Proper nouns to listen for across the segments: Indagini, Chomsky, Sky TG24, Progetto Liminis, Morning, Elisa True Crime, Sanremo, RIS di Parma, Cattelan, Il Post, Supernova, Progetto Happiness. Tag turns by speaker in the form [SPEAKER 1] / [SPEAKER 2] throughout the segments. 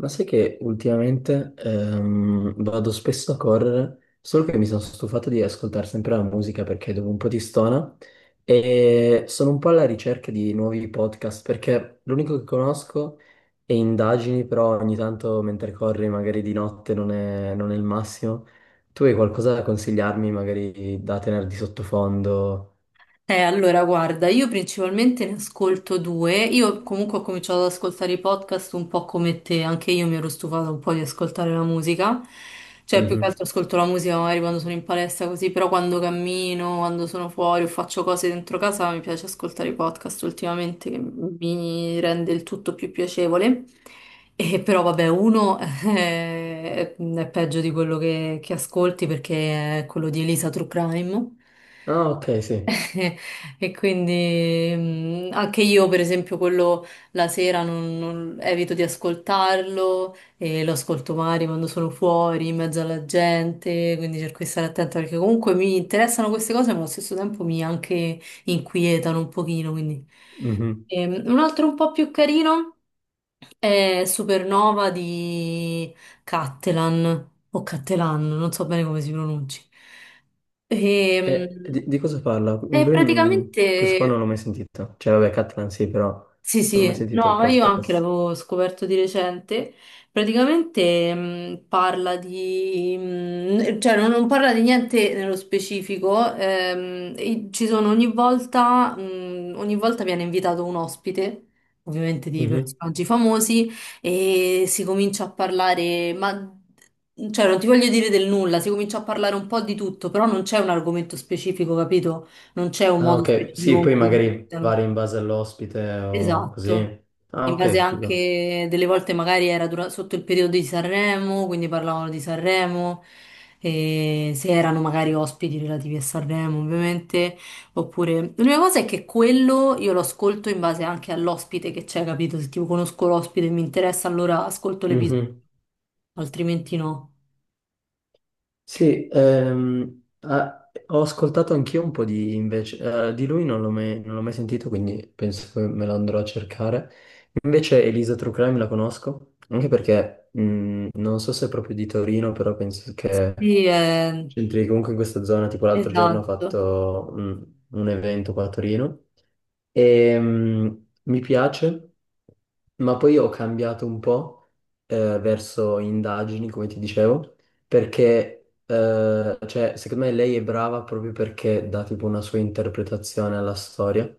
[SPEAKER 1] Ma sai che ultimamente vado spesso a correre, solo che mi sono stufato di ascoltare sempre la musica perché dopo un po' ti stona e sono un po' alla ricerca di nuovi podcast perché l'unico che conosco è Indagini, però ogni tanto mentre corri magari di notte non è il massimo. Tu hai qualcosa da consigliarmi magari da tenere di sottofondo?
[SPEAKER 2] Guarda, io principalmente ne ascolto due. Io comunque ho cominciato ad ascoltare i podcast un po' come te, anche io mi ero stufata un po' di ascoltare la musica. Cioè, più che
[SPEAKER 1] Mhm.
[SPEAKER 2] altro ascolto la musica magari quando sono in palestra così, però quando cammino, quando sono fuori o faccio cose dentro casa, mi piace ascoltare i podcast ultimamente, che mi rende il tutto più piacevole. E però vabbè, uno è peggio di quello che ascolti perché è quello di Elisa True Crime.
[SPEAKER 1] Ah, ok, sì.
[SPEAKER 2] Eh, E quindi anche io, per esempio, quello la sera evito di ascoltarlo e lo ascolto magari quando sono fuori, in mezzo alla gente, quindi cerco di stare attenta perché comunque mi interessano queste cose, ma allo stesso tempo mi anche inquietano un pochino, quindi.
[SPEAKER 1] Mhm.
[SPEAKER 2] Un altro un po' più carino è Supernova di Cattelan o Cattelan, non so bene come si pronunci. Ehm,
[SPEAKER 1] E di cosa parla?
[SPEAKER 2] e
[SPEAKER 1] Lui, questo qua non
[SPEAKER 2] praticamente
[SPEAKER 1] l'ho mai sentito. Cioè, vabbè, Catalan sì, però
[SPEAKER 2] sì,
[SPEAKER 1] non ho mai
[SPEAKER 2] sì,
[SPEAKER 1] sentito il
[SPEAKER 2] no, io anche
[SPEAKER 1] podcast.
[SPEAKER 2] l'avevo scoperto di recente. Praticamente parla di, cioè non parla di niente nello specifico, e ci sono ogni volta viene invitato un ospite, ovviamente di
[SPEAKER 1] Mhm.
[SPEAKER 2] personaggi famosi, e si comincia a parlare, ma cioè non ti voglio dire del nulla, si comincia a parlare un po' di tutto, però non c'è un argomento specifico, capito? Non c'è un
[SPEAKER 1] Ah,
[SPEAKER 2] modo
[SPEAKER 1] ok.
[SPEAKER 2] specifico
[SPEAKER 1] Sì,
[SPEAKER 2] con
[SPEAKER 1] poi
[SPEAKER 2] cui
[SPEAKER 1] magari
[SPEAKER 2] iniziano.
[SPEAKER 1] vari in base all'ospite o così.
[SPEAKER 2] Esatto,
[SPEAKER 1] Ah,
[SPEAKER 2] in
[SPEAKER 1] ok,
[SPEAKER 2] base
[SPEAKER 1] figo.
[SPEAKER 2] anche delle volte magari era sotto il periodo di Sanremo, quindi parlavano di Sanremo, e se erano magari ospiti relativi a Sanremo ovviamente, oppure l'unica cosa è che quello io lo ascolto in base anche all'ospite che c'è, capito? Se tipo conosco l'ospite e mi interessa allora ascolto l'episodio,
[SPEAKER 1] Mhm.
[SPEAKER 2] altrimenti no.
[SPEAKER 1] Sì, ah, ho ascoltato anch'io un po' di invece, di lui non l'ho mai sentito, quindi penso che me lo andrò a cercare. Invece Elisa True Crime la conosco, anche perché non so se è proprio di Torino, però penso che
[SPEAKER 2] Sì,
[SPEAKER 1] c'entri comunque in questa zona, tipo l'altro giorno ho
[SPEAKER 2] esatto.
[SPEAKER 1] fatto un evento qua a Torino e mi piace. Ma poi ho cambiato un po' verso indagini, come ti dicevo, perché cioè, secondo me lei è brava proprio perché dà tipo una sua interpretazione alla storia,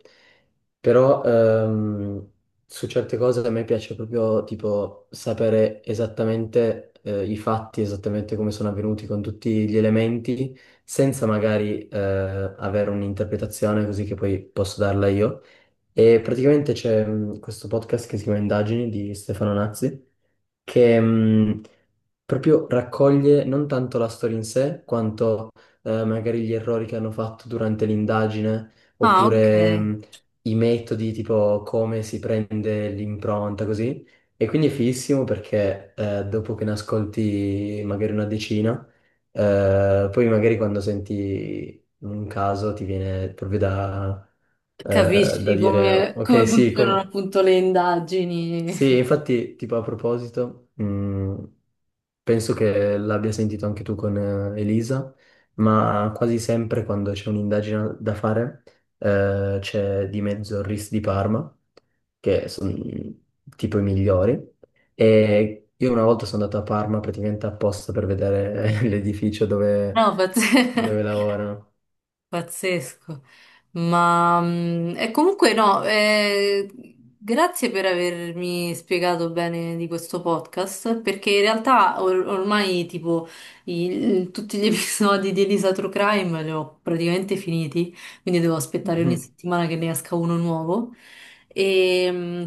[SPEAKER 1] però su certe cose a me piace proprio tipo sapere esattamente i fatti, esattamente come sono avvenuti con tutti gli elementi, senza magari avere un'interpretazione così che poi posso darla io. E praticamente c'è questo podcast che si chiama Indagini di Stefano Nazzi, che proprio raccoglie non tanto la storia in sé, quanto magari gli errori che hanno fatto durante l'indagine,
[SPEAKER 2] Ah, ok.
[SPEAKER 1] oppure i metodi, tipo come si prende l'impronta, così. E quindi è fighissimo perché dopo che ne ascolti magari una decina, poi magari quando senti un caso ti viene proprio da, da
[SPEAKER 2] Capisci
[SPEAKER 1] dire,
[SPEAKER 2] come, come
[SPEAKER 1] ok, sì,
[SPEAKER 2] funzionano
[SPEAKER 1] come...
[SPEAKER 2] appunto le indagini.
[SPEAKER 1] Sì, infatti, tipo a proposito, penso che l'abbia sentito anche tu con Elisa, ma quasi sempre quando c'è un'indagine da fare, c'è di mezzo il RIS di Parma, che sono tipo i migliori. E io una volta sono andato a Parma praticamente apposta per vedere l'edificio dove,
[SPEAKER 2] No, but
[SPEAKER 1] dove lavorano.
[SPEAKER 2] pazzesco, ma e comunque no, grazie per avermi spiegato bene di questo podcast, perché in realtà ormai tipo tutti gli episodi di Elisa True Crime li ho praticamente finiti, quindi devo aspettare ogni
[SPEAKER 1] Mhm.
[SPEAKER 2] settimana che ne esca uno nuovo. E, mm,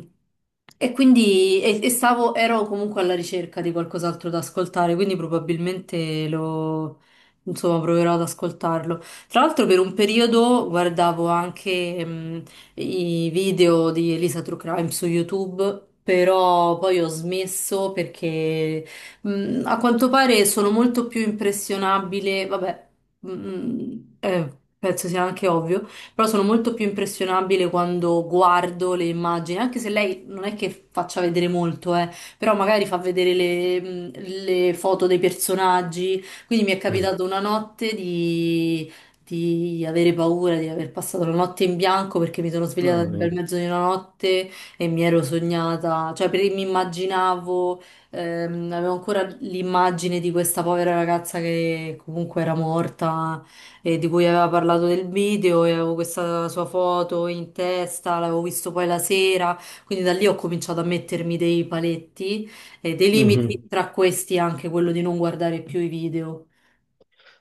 [SPEAKER 2] e quindi e stavo, ero comunque alla ricerca di qualcos'altro da ascoltare, quindi probabilmente lo, insomma, proverò ad ascoltarlo. Tra l'altro per un periodo guardavo anche i video di Elisa True Crime su YouTube, però poi ho smesso perché a quanto pare sono molto più impressionabile, vabbè, mh, eh, penso sia anche ovvio, però sono molto più impressionabile quando guardo le immagini, anche se lei non è che faccia vedere molto, però magari fa vedere le foto dei personaggi. Quindi mi è
[SPEAKER 1] Mm.
[SPEAKER 2] capitato una notte di avere paura di aver passato la notte in bianco perché mi sono svegliata
[SPEAKER 1] Mamma
[SPEAKER 2] nel
[SPEAKER 1] mia.
[SPEAKER 2] bel mezzo di una notte e mi ero sognata, cioè mi immaginavo, avevo ancora l'immagine di questa povera ragazza che comunque era morta e di cui aveva parlato del video e avevo questa sua foto in testa, l'avevo visto poi la sera, quindi da lì ho cominciato a mettermi dei paletti e dei limiti,
[SPEAKER 1] Mhm.
[SPEAKER 2] tra questi anche quello di non guardare più i video.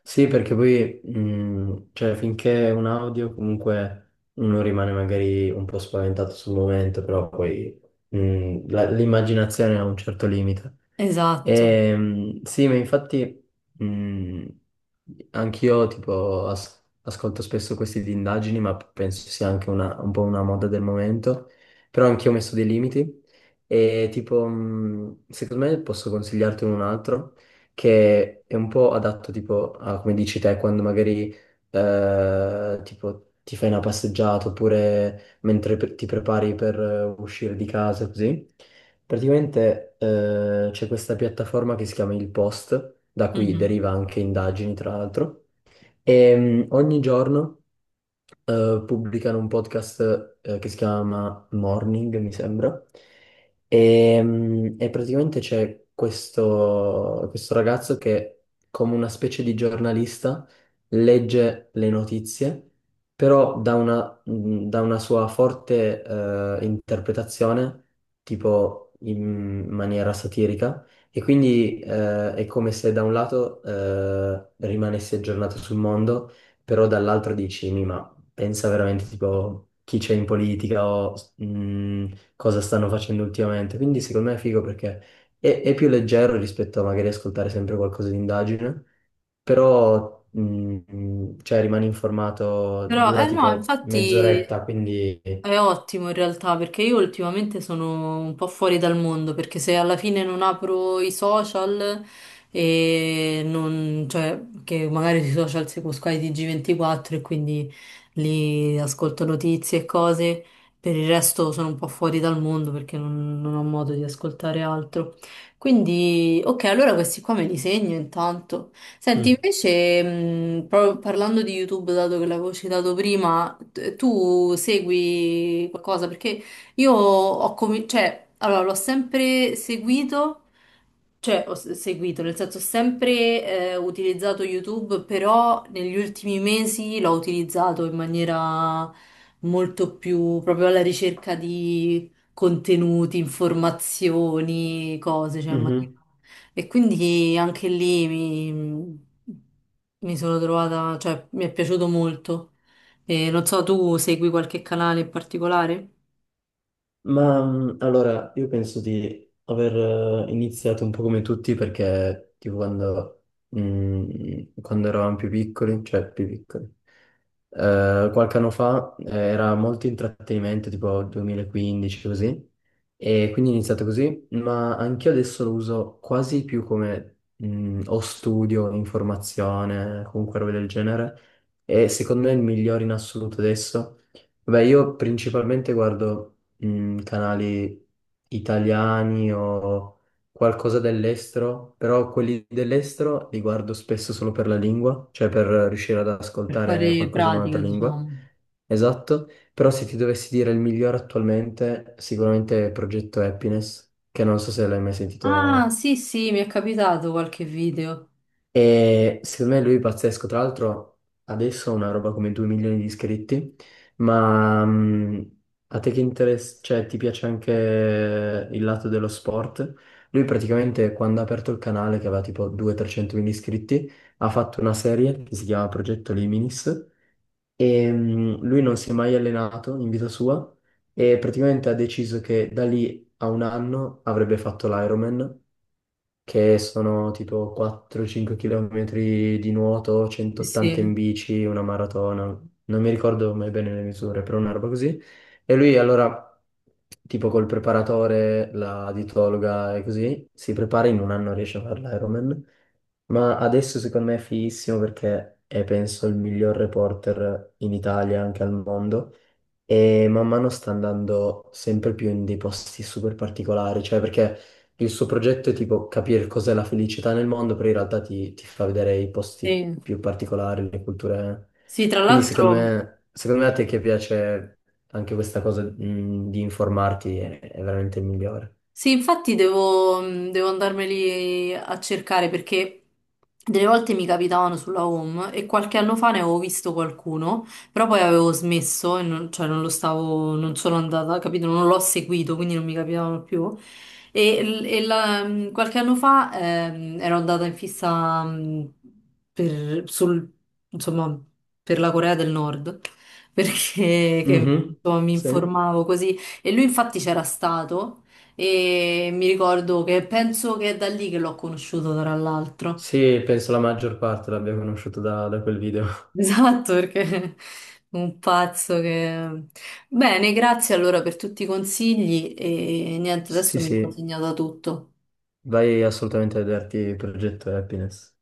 [SPEAKER 1] Sì, perché poi, cioè, finché è un audio, comunque uno rimane magari un po' spaventato sul momento, però poi l'immaginazione ha un certo limite.
[SPEAKER 2] Esatto.
[SPEAKER 1] Sì, ma infatti mh, anch'io tipo ascolto spesso questi di indagini, ma penso sia anche un po' una moda del momento, però anch'io ho messo dei limiti e tipo secondo me posso consigliarti un altro che è un po' adatto tipo a come dici te quando magari tipo ti fai una passeggiata oppure mentre ti prepari per uscire di casa così. Praticamente c'è questa piattaforma che si chiama Il Post, da cui
[SPEAKER 2] Mhm.
[SPEAKER 1] deriva anche indagini, tra l'altro. E ogni giorno pubblicano un podcast che si chiama Morning, mi sembra. E praticamente c'è questo ragazzo che, come una specie di giornalista, legge le notizie, però da una sua forte interpretazione, tipo in maniera satirica. E quindi è come se da un lato rimanessi aggiornato sul mondo, però dall'altro dici, Ma pensa veramente tipo chi c'è in politica o cosa stanno facendo ultimamente. Quindi secondo me è figo perché è più leggero rispetto a magari ascoltare sempre qualcosa di indagine, però cioè, rimani informato,
[SPEAKER 2] Però,
[SPEAKER 1] dura
[SPEAKER 2] eh no,
[SPEAKER 1] tipo
[SPEAKER 2] infatti
[SPEAKER 1] mezz'oretta, quindi...
[SPEAKER 2] è ottimo in realtà perché io ultimamente sono un po' fuori dal mondo perché se alla fine non apro i social e non, cioè, che magari sui social seguo Sky TG24 e quindi lì ascolto notizie e cose, per il resto sono un po' fuori dal mondo perché non ho modo di ascoltare altro. Quindi, ok, allora questi qua me li segno intanto. Senti,
[SPEAKER 1] Mm.
[SPEAKER 2] invece, parlando di YouTube, dato che l'avevo citato prima, tu segui qualcosa? Perché io ho cominciato, cioè, allora, l'ho sempre seguito, cioè, seguito, nel senso, ho sempre utilizzato YouTube, però negli ultimi mesi l'ho utilizzato in maniera molto più proprio alla ricerca di contenuti, informazioni, cose, cioè, in maniera...
[SPEAKER 1] Mhm.
[SPEAKER 2] E quindi anche lì mi, mi sono trovata, cioè mi è piaciuto molto. E non so, tu segui qualche canale in particolare?
[SPEAKER 1] Ma allora, io penso di aver iniziato un po' come tutti perché tipo quando eravamo più piccoli, cioè più piccoli, qualche anno fa era molto intrattenimento, tipo 2015 così, e quindi ho iniziato così, ma anch'io adesso lo uso quasi più come o studio, informazione, comunque roba del genere, e secondo me è il migliore in assoluto adesso. Beh, io principalmente guardo canali italiani o qualcosa dell'estero, però quelli dell'estero li guardo spesso solo per la lingua, cioè per riuscire ad
[SPEAKER 2] Per
[SPEAKER 1] ascoltare
[SPEAKER 2] fare
[SPEAKER 1] qualcosa in
[SPEAKER 2] pratica,
[SPEAKER 1] un'altra lingua.
[SPEAKER 2] diciamo.
[SPEAKER 1] Esatto, però se ti dovessi dire il migliore attualmente, sicuramente è Progetto Happiness, che non so se l'hai mai
[SPEAKER 2] Ah,
[SPEAKER 1] sentito
[SPEAKER 2] sì, sì, mi è capitato qualche video.
[SPEAKER 1] e secondo me lui è pazzesco. Tra l'altro, adesso ha una roba come 2 milioni di iscritti. Ma a te che interessa, cioè, ti piace anche il lato dello sport? Lui praticamente quando ha aperto il canale, che aveva tipo 200-300 mila iscritti, ha fatto una serie che si chiama Progetto Liminis. E lui non si è mai allenato in vita sua. E praticamente ha deciso che da lì a un anno avrebbe fatto l'Ironman che sono tipo 4-5 km di nuoto,
[SPEAKER 2] Sì,
[SPEAKER 1] 180 in
[SPEAKER 2] sì.
[SPEAKER 1] bici, una maratona, non mi ricordo mai bene le misure, però una roba così. E lui allora, tipo col preparatore, la dietologa e così, si prepara in un anno riesce a fare l'Ironman, ma adesso secondo me è fighissimo perché è penso il miglior reporter in Italia, anche al mondo. E man mano sta andando sempre più in dei posti super particolari, cioè perché il suo progetto è tipo capire cos'è la felicità nel mondo, però in realtà ti fa vedere i posti
[SPEAKER 2] Sì,
[SPEAKER 1] più particolari, le culture.
[SPEAKER 2] sì, tra
[SPEAKER 1] Quindi secondo
[SPEAKER 2] l'altro.
[SPEAKER 1] me, secondo me a te che piace anche questa cosa, di informarti è veramente il migliore.
[SPEAKER 2] Sì, infatti devo, devo andarmeli a cercare perché delle volte mi capitavano sulla home e qualche anno fa ne avevo visto qualcuno, però poi avevo smesso, e non, cioè non lo stavo, non sono andata, capito? Non l'ho seguito, quindi non mi capitavano più. Qualche anno fa ero andata in fissa per, sul, insomma, per la Corea del Nord, perché che,
[SPEAKER 1] Mhm,
[SPEAKER 2] insomma, mi
[SPEAKER 1] sì.
[SPEAKER 2] informavo così e lui infatti c'era stato. E mi ricordo che penso che è da lì che l'ho conosciuto, tra l'altro.
[SPEAKER 1] Sì, penso la maggior parte l'abbia conosciuto da quel video.
[SPEAKER 2] Esatto, perché un pazzo che... Bene, grazie allora per tutti i consigli e niente, adesso
[SPEAKER 1] Sì,
[SPEAKER 2] mi sono
[SPEAKER 1] sì,
[SPEAKER 2] segnata tutto.
[SPEAKER 1] vai assolutamente a vederti il progetto Happiness.